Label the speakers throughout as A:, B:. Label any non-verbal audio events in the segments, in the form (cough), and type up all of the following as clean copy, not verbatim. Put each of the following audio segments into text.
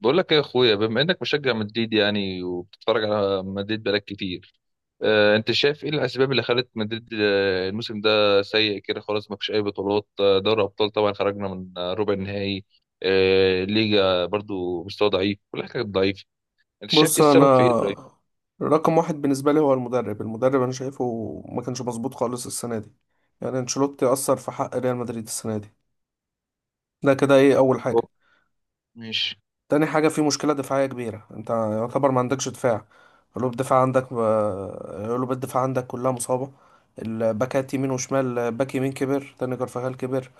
A: بقول لك ايه يا اخويا، بما انك مشجع مدريد يعني وبتتفرج على مدريد بقالك كتير. انت شايف ايه الاسباب اللي خلت مدريد، الموسم ده سيء كده، خلاص ما فيش اي بطولات. دوري ابطال طبعا خرجنا من ربع النهائي. ليجا برضو مستوى ضعيف، كل حاجه كانت ضعيفه. انت شايف ايه
B: بص
A: السبب
B: انا،
A: في ايه طيب؟
B: رقم واحد بالنسبه لي هو المدرب انا شايفه ما كانش مظبوط خالص السنه دي. يعني انشيلوتي اثر في حق ريال مدريد السنه دي. ده كده ايه اول حاجه.
A: هو- ماشي.
B: تاني حاجة، في مشكلة دفاعية كبيرة، انت يعتبر ما عندكش دفاع. قلوب الدفاع عندك، قلوب الدفاع عندك كلها مصابة. الباكات يمين وشمال، باك يمين كبر، تاني كارفاخال كبر.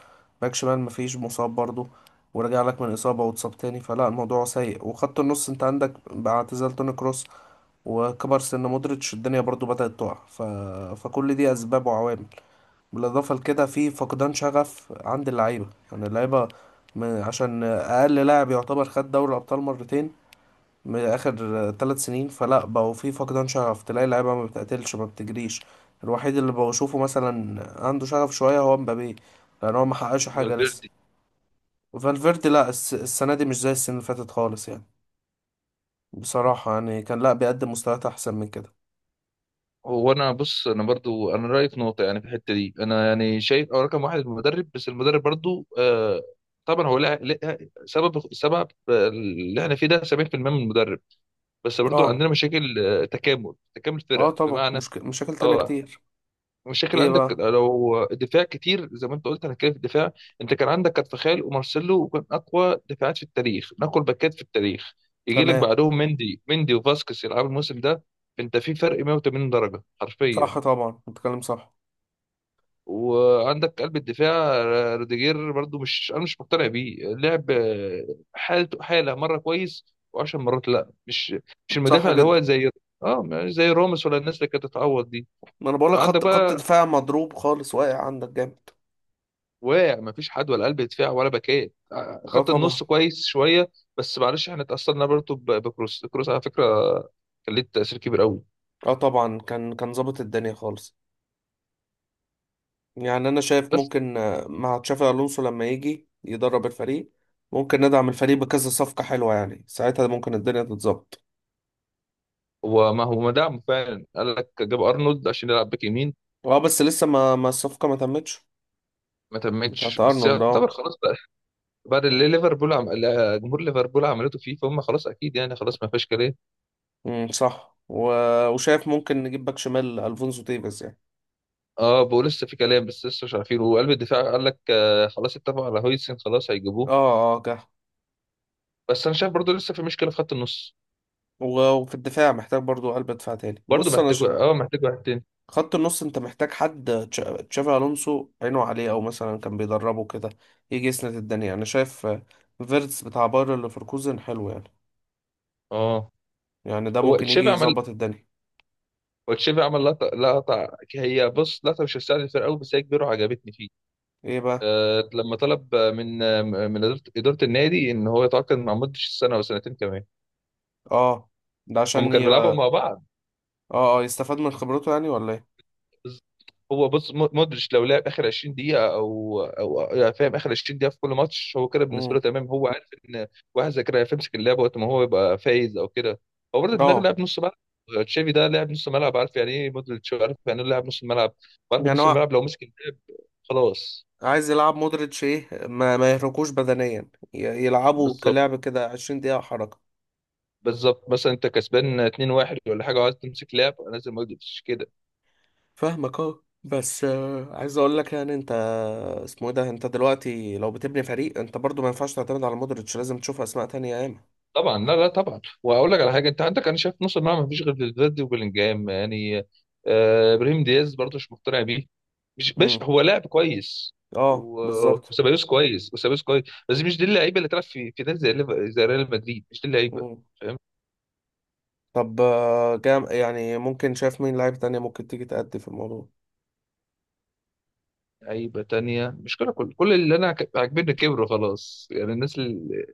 B: باك شمال مفيش مصاب برضو، ورجع لك من إصابة واتصاب تاني، فلا الموضوع سيء. وخط النص انت عندك مع اعتزال توني كروس وكبر سن مودريتش، الدنيا برضو بدأت تقع فكل دي أسباب وعوامل. بالاضافه لكده في فقدان شغف عند اللعيبه. يعني اللعيبه، عشان اقل لاعب يعتبر خد دوري ابطال مرتين من اخر 3 سنين، فلا بقوا في فقدان شغف. تلاقي اللعيبه ما بتقتلش ما بتجريش. الوحيد اللي بشوفه مثلا عنده شغف شويه هو مبابي، لان هو ما حققش حاجه لسه.
A: فالفيردي.
B: وفالفيردي، لا، السنه دي مش زي السنه اللي فاتت خالص يعني. بصراحه يعني كان لا بيقدم مستويات احسن من كده.
A: هو انا بص، انا برضو رايي في نقطه، يعني في الحته دي، انا يعني شايف او رقم واحد المدرب، بس المدرب برضو طبعا. هو سبب اللي احنا فيه ده 70% من المدرب. بس برضو
B: اه
A: عندنا مشاكل، تكامل
B: اه
A: فرقه
B: طبعا،
A: بمعنى.
B: مشاكل تانية
A: اه،
B: كتير.
A: مشاكل
B: ايه
A: عندك
B: بقى.
A: لو دفاع كتير زي ما انت قلت، انا كده في الدفاع. انت كان عندك كارفخال ومارسيلو، وكان اقوى دفاعات في التاريخ، من اقوى الباكات في التاريخ. يجي لك
B: تمام.
A: بعدهم مندي وفاسكس يلعبوا الموسم ده. انت في فرق 180 درجه حرفيا.
B: صح طبعا، بتكلم صح.
A: وعندك قلب الدفاع روديجير، برضو مش مقتنع بيه، لعب حالته، مره كويس وعشر مرات لا. مش مش
B: صح
A: المدافع اللي
B: جدا.
A: هو زي، اه، مش زي راموس ولا الناس اللي كانت تتعوض دي.
B: ما انا بقول لك،
A: عندك
B: خط
A: بقى
B: دفاع مضروب خالص، واقع عندك جامد.
A: واقع، مفيش حد، ولا قلب دفاع ولا باكات.
B: اه
A: خط
B: طبعا.
A: النص كويس شويه. بس معلش، احنا اتأثرنا برضو بكروس. على فكره كان ليه تأثير كبير قوي.
B: اه طبعا، كان ظابط الدنيا خالص. يعني انا شايف
A: بس
B: ممكن، مع تشافي الونسو لما يجي يدرب الفريق، ممكن ندعم الفريق بكذا صفقة حلوة، يعني ساعتها ممكن الدنيا تتظبط.
A: هو ما دعمه فعلا، قال لك جاب ارنولد عشان يلعب باك يمين.
B: اه، بس لسه ما الصفقة ما تمتش.
A: ما
B: بتاعت
A: تمتش بس
B: ارنولد، اه.
A: يعتبر خلاص. بعد اللي ليفربول لا، جمهور ليفربول عملته فيه، فهم خلاص اكيد، يعني خلاص ما فيهاش كلام.
B: صح، وشايف ممكن نجيب باك شمال الفونسو ديفيز يعني.
A: اه، بقول لسه في كلام، بس لسه مش عارفين. وقلب الدفاع قال لك خلاص اتفقوا على هويسن، خلاص
B: اه،
A: هيجيبوه.
B: اه جه.
A: بس انا شايف برضو لسه في مشكله في خط النص.
B: وفي الدفاع محتاج برضو قلب دفاع تاني.
A: برضو
B: بص انا
A: محتاج، اه، محتاج واحد تاني.
B: خط النص، انت محتاج حد تشافي الونسو عينه عليه، او مثلا كان بيدربه كده، يجي يسند الدنيا. انا شايف فيرتس بتاع باير ليفركوزن حلو يعني،
A: اه،
B: يعني ده
A: هو
B: ممكن يجي
A: تشافي عمل،
B: يظبط الدنيا.
A: لقطه. هي، بص، لقطه مش هتساعد الفرقه قوي بس هي كبيره وعجبتني فيه.
B: ايه بقى.
A: آه، لما طلب من اداره إدارة النادي ان هو يتعاقد مع، مده السنه وسنتين كمان.
B: اه، ده
A: هم
B: عشان
A: كانوا
B: ي...
A: بيلعبوا
B: اه
A: مع بعض.
B: اه يستفاد من خبرته يعني، ولا ايه؟
A: بز- هو بص، مودريتش لو لعب اخر 20 دقيقه، او فاهم، اخر 20 دقيقه في كل ماتش، هو كده بالنسبه له
B: امم
A: تمام. هو عارف ان واحد زي كده هيمسك اللعبه وقت ما هو يبقى فايز او كده. هو برضه دماغ
B: اه،
A: لاعب نص ملعب. تشافي ده لاعب نص ملعب، عارف يعني ايه مودريتش، عارف يعني ايه لاعب نص الملعب. عارف إن
B: يعني
A: نص
B: هو
A: الملعب لو مسك اللعب خلاص.
B: عايز يلعب مودريتش ايه، ما يهركوش بدنيا، يلعبوا
A: بالظبط.
B: كلعب كده 20 دقيقة حركة.
A: مثلا انت كسبان 2-1 ولا حاجه وعايز تمسك لعب، نازل مودريتش كده.
B: فاهمك اه، بس عايز اقول لك يعني، انت اسمه ايه ده، انت دلوقتي لو بتبني فريق، انت برضو ما ينفعش تعتمد على مودريتش، لازم تشوف اسماء تانية ياما.
A: طبعا، لا، طبعا. واقول لك على حاجه، انت عندك، انا شايف نص الملعب مفيش غير فالفيردي وبيلينجهام يعني. آه، ابراهيم دياز برضه مش مقتنع بيه. مش مش
B: امم
A: هو لاعب كويس.
B: اه، بالظبط.
A: وسيبايوس كويس، بس مش دي اللعيبه اللي تلعب في نادي زي، زي ريال مدريد، مش دي اللعيبه،
B: مم.
A: فاهم.
B: طب، جام يعني، ممكن شايف مين لعيبة تانية ممكن تيجي تأدي في الموضوع؟
A: لعيبه تانية مش كده، كل اللي انا عاجبني كبروا خلاص. يعني الناس اللي،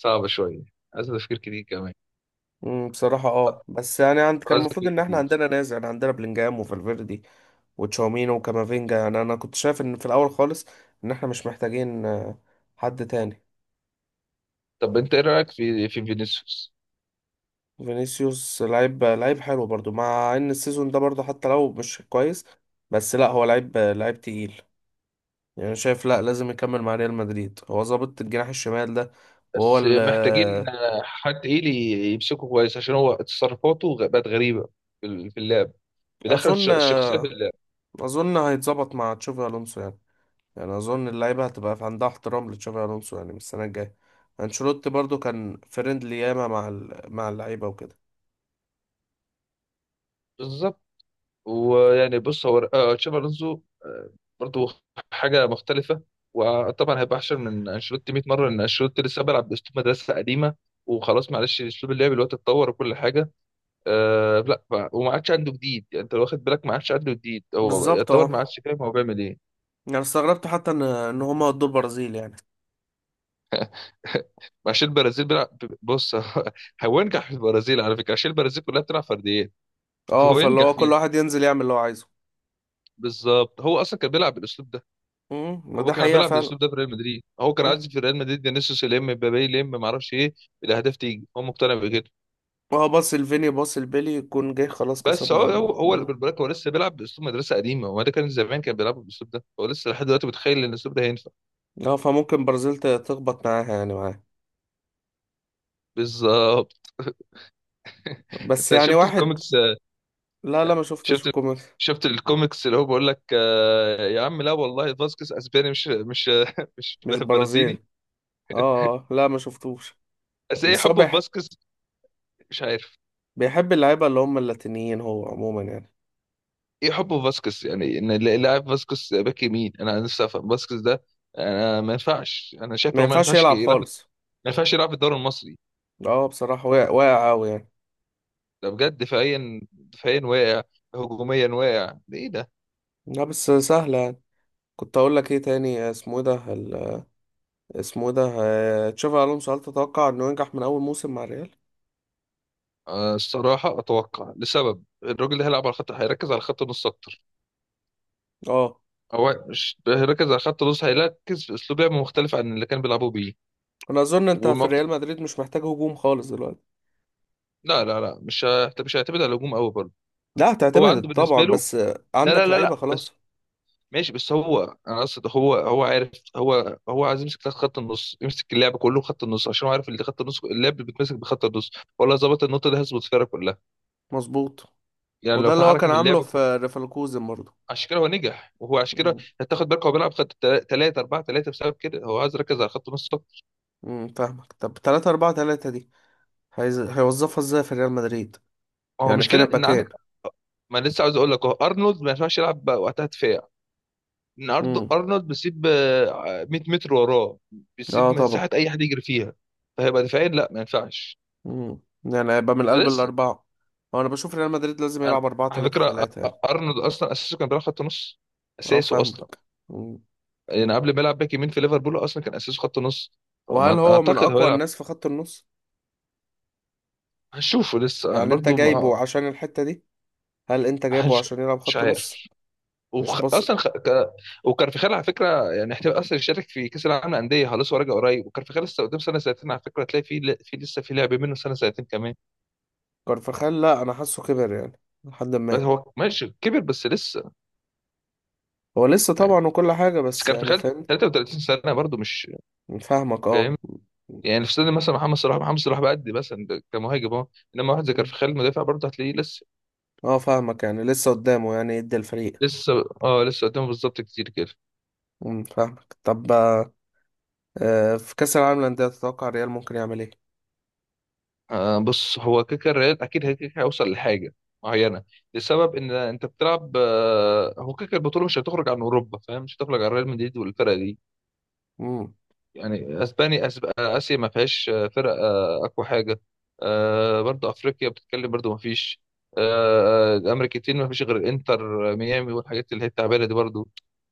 A: صعبه شويه، عايز تفكير كتير كمان،
B: بصراحة اه، بس يعني عند، كان
A: عايز
B: المفروض
A: تفكير
B: ان احنا
A: كتير
B: عندنا ناس، يعني عندنا بلينجهام وفالفيردي وتشاوميني وكامافينجا. يعني انا كنت شايف ان في الاول خالص ان احنا مش محتاجين، حد تاني.
A: طب انت ايه رايك في فينيسيوس؟
B: فينيسيوس لعيب، لعيب حلو برضو، مع ان السيزون ده برضو حتى لو مش كويس، بس لا، هو لعيب، لعيب تقيل. يعني أنا شايف لا، لازم يكمل مع ريال مدريد، هو ظابط الجناح الشمال ده، وهو
A: بس محتاجين
B: ال...
A: حد ايه اللي يمسكه كويس، عشان هو تصرفاته بقت غريبه في اللعب، بيدخل
B: اظن،
A: الشخصيه في اللعب.
B: هيتظبط مع تشافي الونسو يعني. يعني اظن اللعيبه هتبقى في عندها احترام لتشافي الونسو يعني من السنه الجايه. انشيلوتي برضو كان فريندلي ياما مع مع اللعيبه وكده.
A: بالظبط. ويعني بص، هو تشابي الونزو برضو حاجه مختلفه. وطبعا هيبقى احسن من انشيلوتي 100 مره، لان انشيلوتي لسه بيلعب باسلوب مدرسه قديمه، وخلاص معلش اسلوب اللعب دلوقتي اتطور وكل حاجه. أه لا، وما عادش عنده جديد، يعني انت لو واخد بالك ما عادش عنده جديد، هو
B: بالظبط
A: يعتبر
B: اه،
A: ما عادش فاهم هو بيعمل ايه.
B: يعني استغربت حتى ان هما ودوا البرازيل يعني.
A: (laughs) عشان البرازيل بيلعب، بص، (laughs) هو ينجح في البرازيل على فكره، عشان البرازيل كلها بتلعب فرديات.
B: اه،
A: هو
B: فاللي
A: ينجح
B: هو كل
A: فيها.
B: واحد ينزل يعمل اللي هو عايزه.
A: بالظبط، هو اصلا كان بيلعب بالاسلوب ده.
B: مم، ما
A: هو
B: ده
A: كان
B: حقيقة
A: بيلعب
B: فعلا.
A: بالاسلوب ده في ريال مدريد، هو كان
B: مم.
A: عايز في ريال مدريد فينيسيوس يلم، مبابي يلم، ما اعرفش ايه، الاهداف تيجي. هو مقتنع بكده.
B: هو باص الفيني، باص البيلي، يكون جاي خلاص
A: بس
B: كسبنا اللو.
A: هو
B: مم.
A: بالبركه، هو لسه بيلعب باسلوب مدرسه قديمه. هو ده كان زمان كان بيلعب بالاسلوب ده، هو لسه لحد دلوقتي متخيل ان الاسلوب ده هينفع.
B: اه، فممكن برازيل تخبط معاها، يعني معاها.
A: بالظبط.
B: بس
A: انت
B: يعني
A: شفت
B: واحد.
A: الكوميكس؟
B: لا لا، ما شفتش
A: شفت
B: الكوميك.
A: شفت الكوميكس اللي هو بيقول لك، يا عم لا والله، فاسكس اسباني، مش (laughs) مش
B: مش
A: برازيلي.
B: برازيل اه، اه. لا ما شفتوش،
A: بس ايه
B: بس هو
A: حبه في فاسكس؟ مش عارف.
B: بيحب اللعيبة اللي هم اللاتينيين هو عموما يعني.
A: ايه حبه في فاسكس يعني، ان اللاعب فاسكس باك يمين، انا نفسي افهم فاسكس ده. انا ما ينفعش، انا شايف
B: ما
A: لو ما
B: ينفعش
A: ينفعش
B: يلعب
A: يلعب. ما
B: خالص.
A: ينفعش يلعب في الدوري المصري.
B: اه بصراحة، واقع، واقع أوي يعني.
A: ده بجد دفاعيا واقع، هجوميا واقع، ده ايه ده.
B: لا، بس سهلة يعني. كنت اقول لك ايه تاني، اسمه إيه ده اسمه إيه ده، تشافي الونسو، هل تتوقع انه ينجح من اول موسم مع الريال؟
A: آه، الصراحه اتوقع، لسبب الراجل اللي هيلعب على الخط هيركز على خط نص اكتر.
B: اه.
A: هو مش ركز على خط النص، هيركز في اسلوب لعب مختلف عن اللي كان بيلعبوه بيه.
B: انا اظن انت في
A: وما بت...
B: ريال مدريد مش محتاج هجوم خالص دلوقتي.
A: لا لا لا، مش هيعتمد على الهجوم قوي برضه.
B: لا
A: هو عنده
B: هتعتمد طبعا،
A: بالنسبه له،
B: بس
A: لا لا
B: عندك
A: لا
B: لعيبه
A: لا بس
B: خلاص.
A: ماشي، بس هو انا قصد، هو هو عارف. هو عايز يمسك خط النص، يمسك اللعب كله خط النص، عشان هو عارف اللي خط النص، اللعب بيتمسك بخط النص. ولا ظبط النقطه دي هيظبط الفرقه كلها.
B: مظبوط.
A: يعني
B: وده
A: لو في
B: اللي هو كان
A: حركه في
B: عامله
A: اللعب،
B: في ليفركوزن برضه.
A: عشان كده هو نجح، وهو عشان كده
B: مم.
A: هتاخد بالك هو بيلعب خط 3 4 3، بسبب كده هو عايز يركز على خط النص.
B: مم، فاهمك. طب 3 4 3 دي هيوظفها ازاي في ريال مدريد؟
A: هو
B: يعني فين
A: المشكله ان عندك،
B: الباكين؟
A: ما أنا لسه عاوز اقول لك، اهو ارنولد ما ينفعش يلعب بقى وقتها دفاع. ان
B: امم
A: ارنولد بيسيب 100 متر وراه،
B: اه
A: بيسيب
B: طبعا.
A: مساحه اي حد يجري فيها. فهيبقى دفاعيا لا، ما ينفعش.
B: يعني هيبقى من قلب
A: فلسه
B: الاربعه. هو انا بشوف ريال مدريد لازم
A: انا
B: يلعب 4
A: على
B: 3
A: فكره،
B: 3 يعني.
A: ارنولد اصلا اساسه كان بيلعب خط نص.
B: اه
A: اساسه اصلا.
B: فاهمك. مم.
A: يعني قبل ما يلعب باك يمين في ليفربول، اصلا كان اساسه خط نص.
B: وهل
A: فما
B: هو من
A: اعتقد هو
B: اقوى
A: يلعب.
B: الناس في خط النص؟
A: هنشوفه لسه، أنا
B: يعني انت
A: برضو ما،
B: جايبه عشان الحته دي، هل انت جايبه
A: هنش...
B: عشان يلعب
A: مش
B: خط
A: عارف.
B: نص؟ مش
A: وخ...
B: بص،
A: اصلا خ... ك... وكارفخال على فكره يعني، احتمال اصلا يشارك في كاس العالم للانديه. خلاص هو راجع قريب، وكارفخال لسه قدام سنه سنتين على فكره، هتلاقي في لسه في لعب منه سنه سنتين كمان.
B: كارفاخال، لا انا حاسه كبر يعني، لحد
A: بس
B: ما...
A: هو ماشي كبر بس لسه،
B: هو لسه
A: يعني،
B: طبعا وكل حاجة،
A: بس
B: بس يعني
A: كارفخال
B: فاهم.
A: 33 سنه برضه مش
B: فاهمك اه.
A: فاهم. يعني في سنه مثلا محمد صلاح، بقد مثلا ده كمهاجم اهو. انما واحد زي
B: مم.
A: كارفخال مدافع برضه هتلاقيه لسه.
B: اه فاهمك، يعني لسه قدامه يعني يدي الفريق.
A: لسه، اه، لسه قدامه بالظبط كتير كده.
B: مم، فاهمك. طب، في كأس العالم للأندية، تتوقع ريال ممكن يعمل ايه؟
A: آه، بص، هو كيكا الريال اكيد هيوصل لحاجه معينه، لسبب ان انت بتلعب، هو كيكا البطوله مش هتخرج عن اوروبا، فاهم، مش هتخرج عن ريال مدريد والفرق دي.
B: مم.
A: يعني اسباني، اسيا ما فيهاش فرق اقوى حاجه. برضو افريقيا بتتكلم برضو ما فيش. الامريكتين ما فيش غير الانتر ميامي، والحاجات اللي هي التعبانه دي برضو.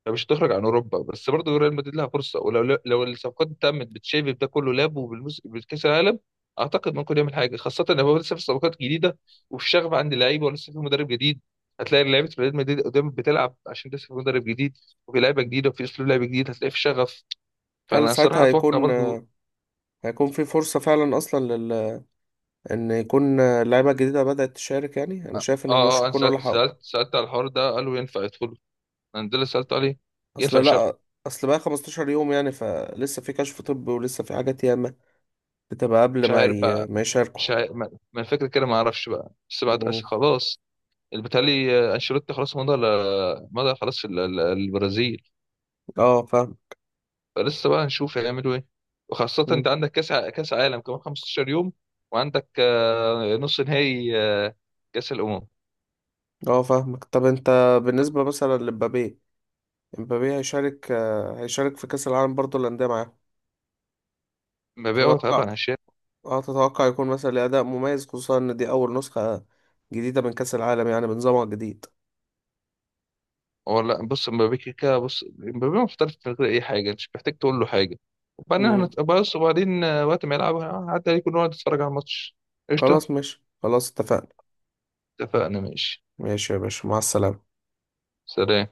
A: يعني مش هتخرج عن اوروبا، بس برضو ريال مدريد لها فرصه. ولو الصفقات تمت بتشافي، بده كله لاب، بالكاس العالم، اعتقد ممكن يعمل حاجه، خاصه ان هو لسه في صفقات جديده، وفي شغف عند اللعيبه، ولسه في مدرب جديد. هتلاقي لعيبه ريال مدريد قدام بتلعب، عشان لسه في مدرب جديد، وفي لعيبه جديده، وفي اسلوب لعب جديد، هتلاقي في شغف.
B: هل
A: فانا صراحه
B: ساعتها
A: اتوقع
B: هيكون،
A: برضو.
B: في فرصة فعلا أصلا إن يكون اللعيبة الجديدة بدأت تشارك؟ يعني أنا
A: اه.
B: شايف
A: اه.
B: إنهم مش
A: آه، انا
B: هيكونوا لحقوا.
A: سالت على الحوار ده، قالوا ينفع يدخلوا. انا ده اللي سالت عليه. ينفع
B: أصل
A: شرط.
B: لأ، أصل بقى 15 يوم يعني، فلسه في كشف طبي ولسه في حاجات ياما بتبقى قبل
A: مش
B: ما
A: عارف بقى.
B: ما
A: مش
B: يشاركوا.
A: عارف، ما الفكره كده، ما اعرفش بقى. بس بعد
B: مم.
A: خلاص، اللي بيتهيألي انشيلوتي خلاص مضى، مضى خلاص في البرازيل.
B: اه فاهم.
A: فلسه بقى هنشوف هيعملوا ايه. وخاصه انت
B: مم.
A: عندك كاس عالم كمان 15 يوم. وعندك نص نهائي كاس الامم.
B: اه فاهمك طب، انت بالنسبة مثلا لمبابي، مبابي هيشارك، هيشارك في كأس العالم برضه الأندية معاه.
A: مبيعه
B: تتوقع،
A: طبعا.
B: اه يكون مثلا ليه أداء مميز، خصوصا إن دي أول نسخة جديدة من كأس العالم يعني بنظامها الجديد؟
A: هو لا، بص، مبابي بص مبابي محترف، من غير اي حاجه انت مش محتاج تقول له حاجه. وبعدين احنا،
B: مم.
A: بص، وبعدين وقت ما يلعب، عدى عليكم، نقعد نتفرج على الماتش. قشطه.
B: خلاص ماشي، خلاص اتفقنا.
A: اتفقنا، ماشي.
B: ماشي يا باشا، مع السلامة.
A: سلام.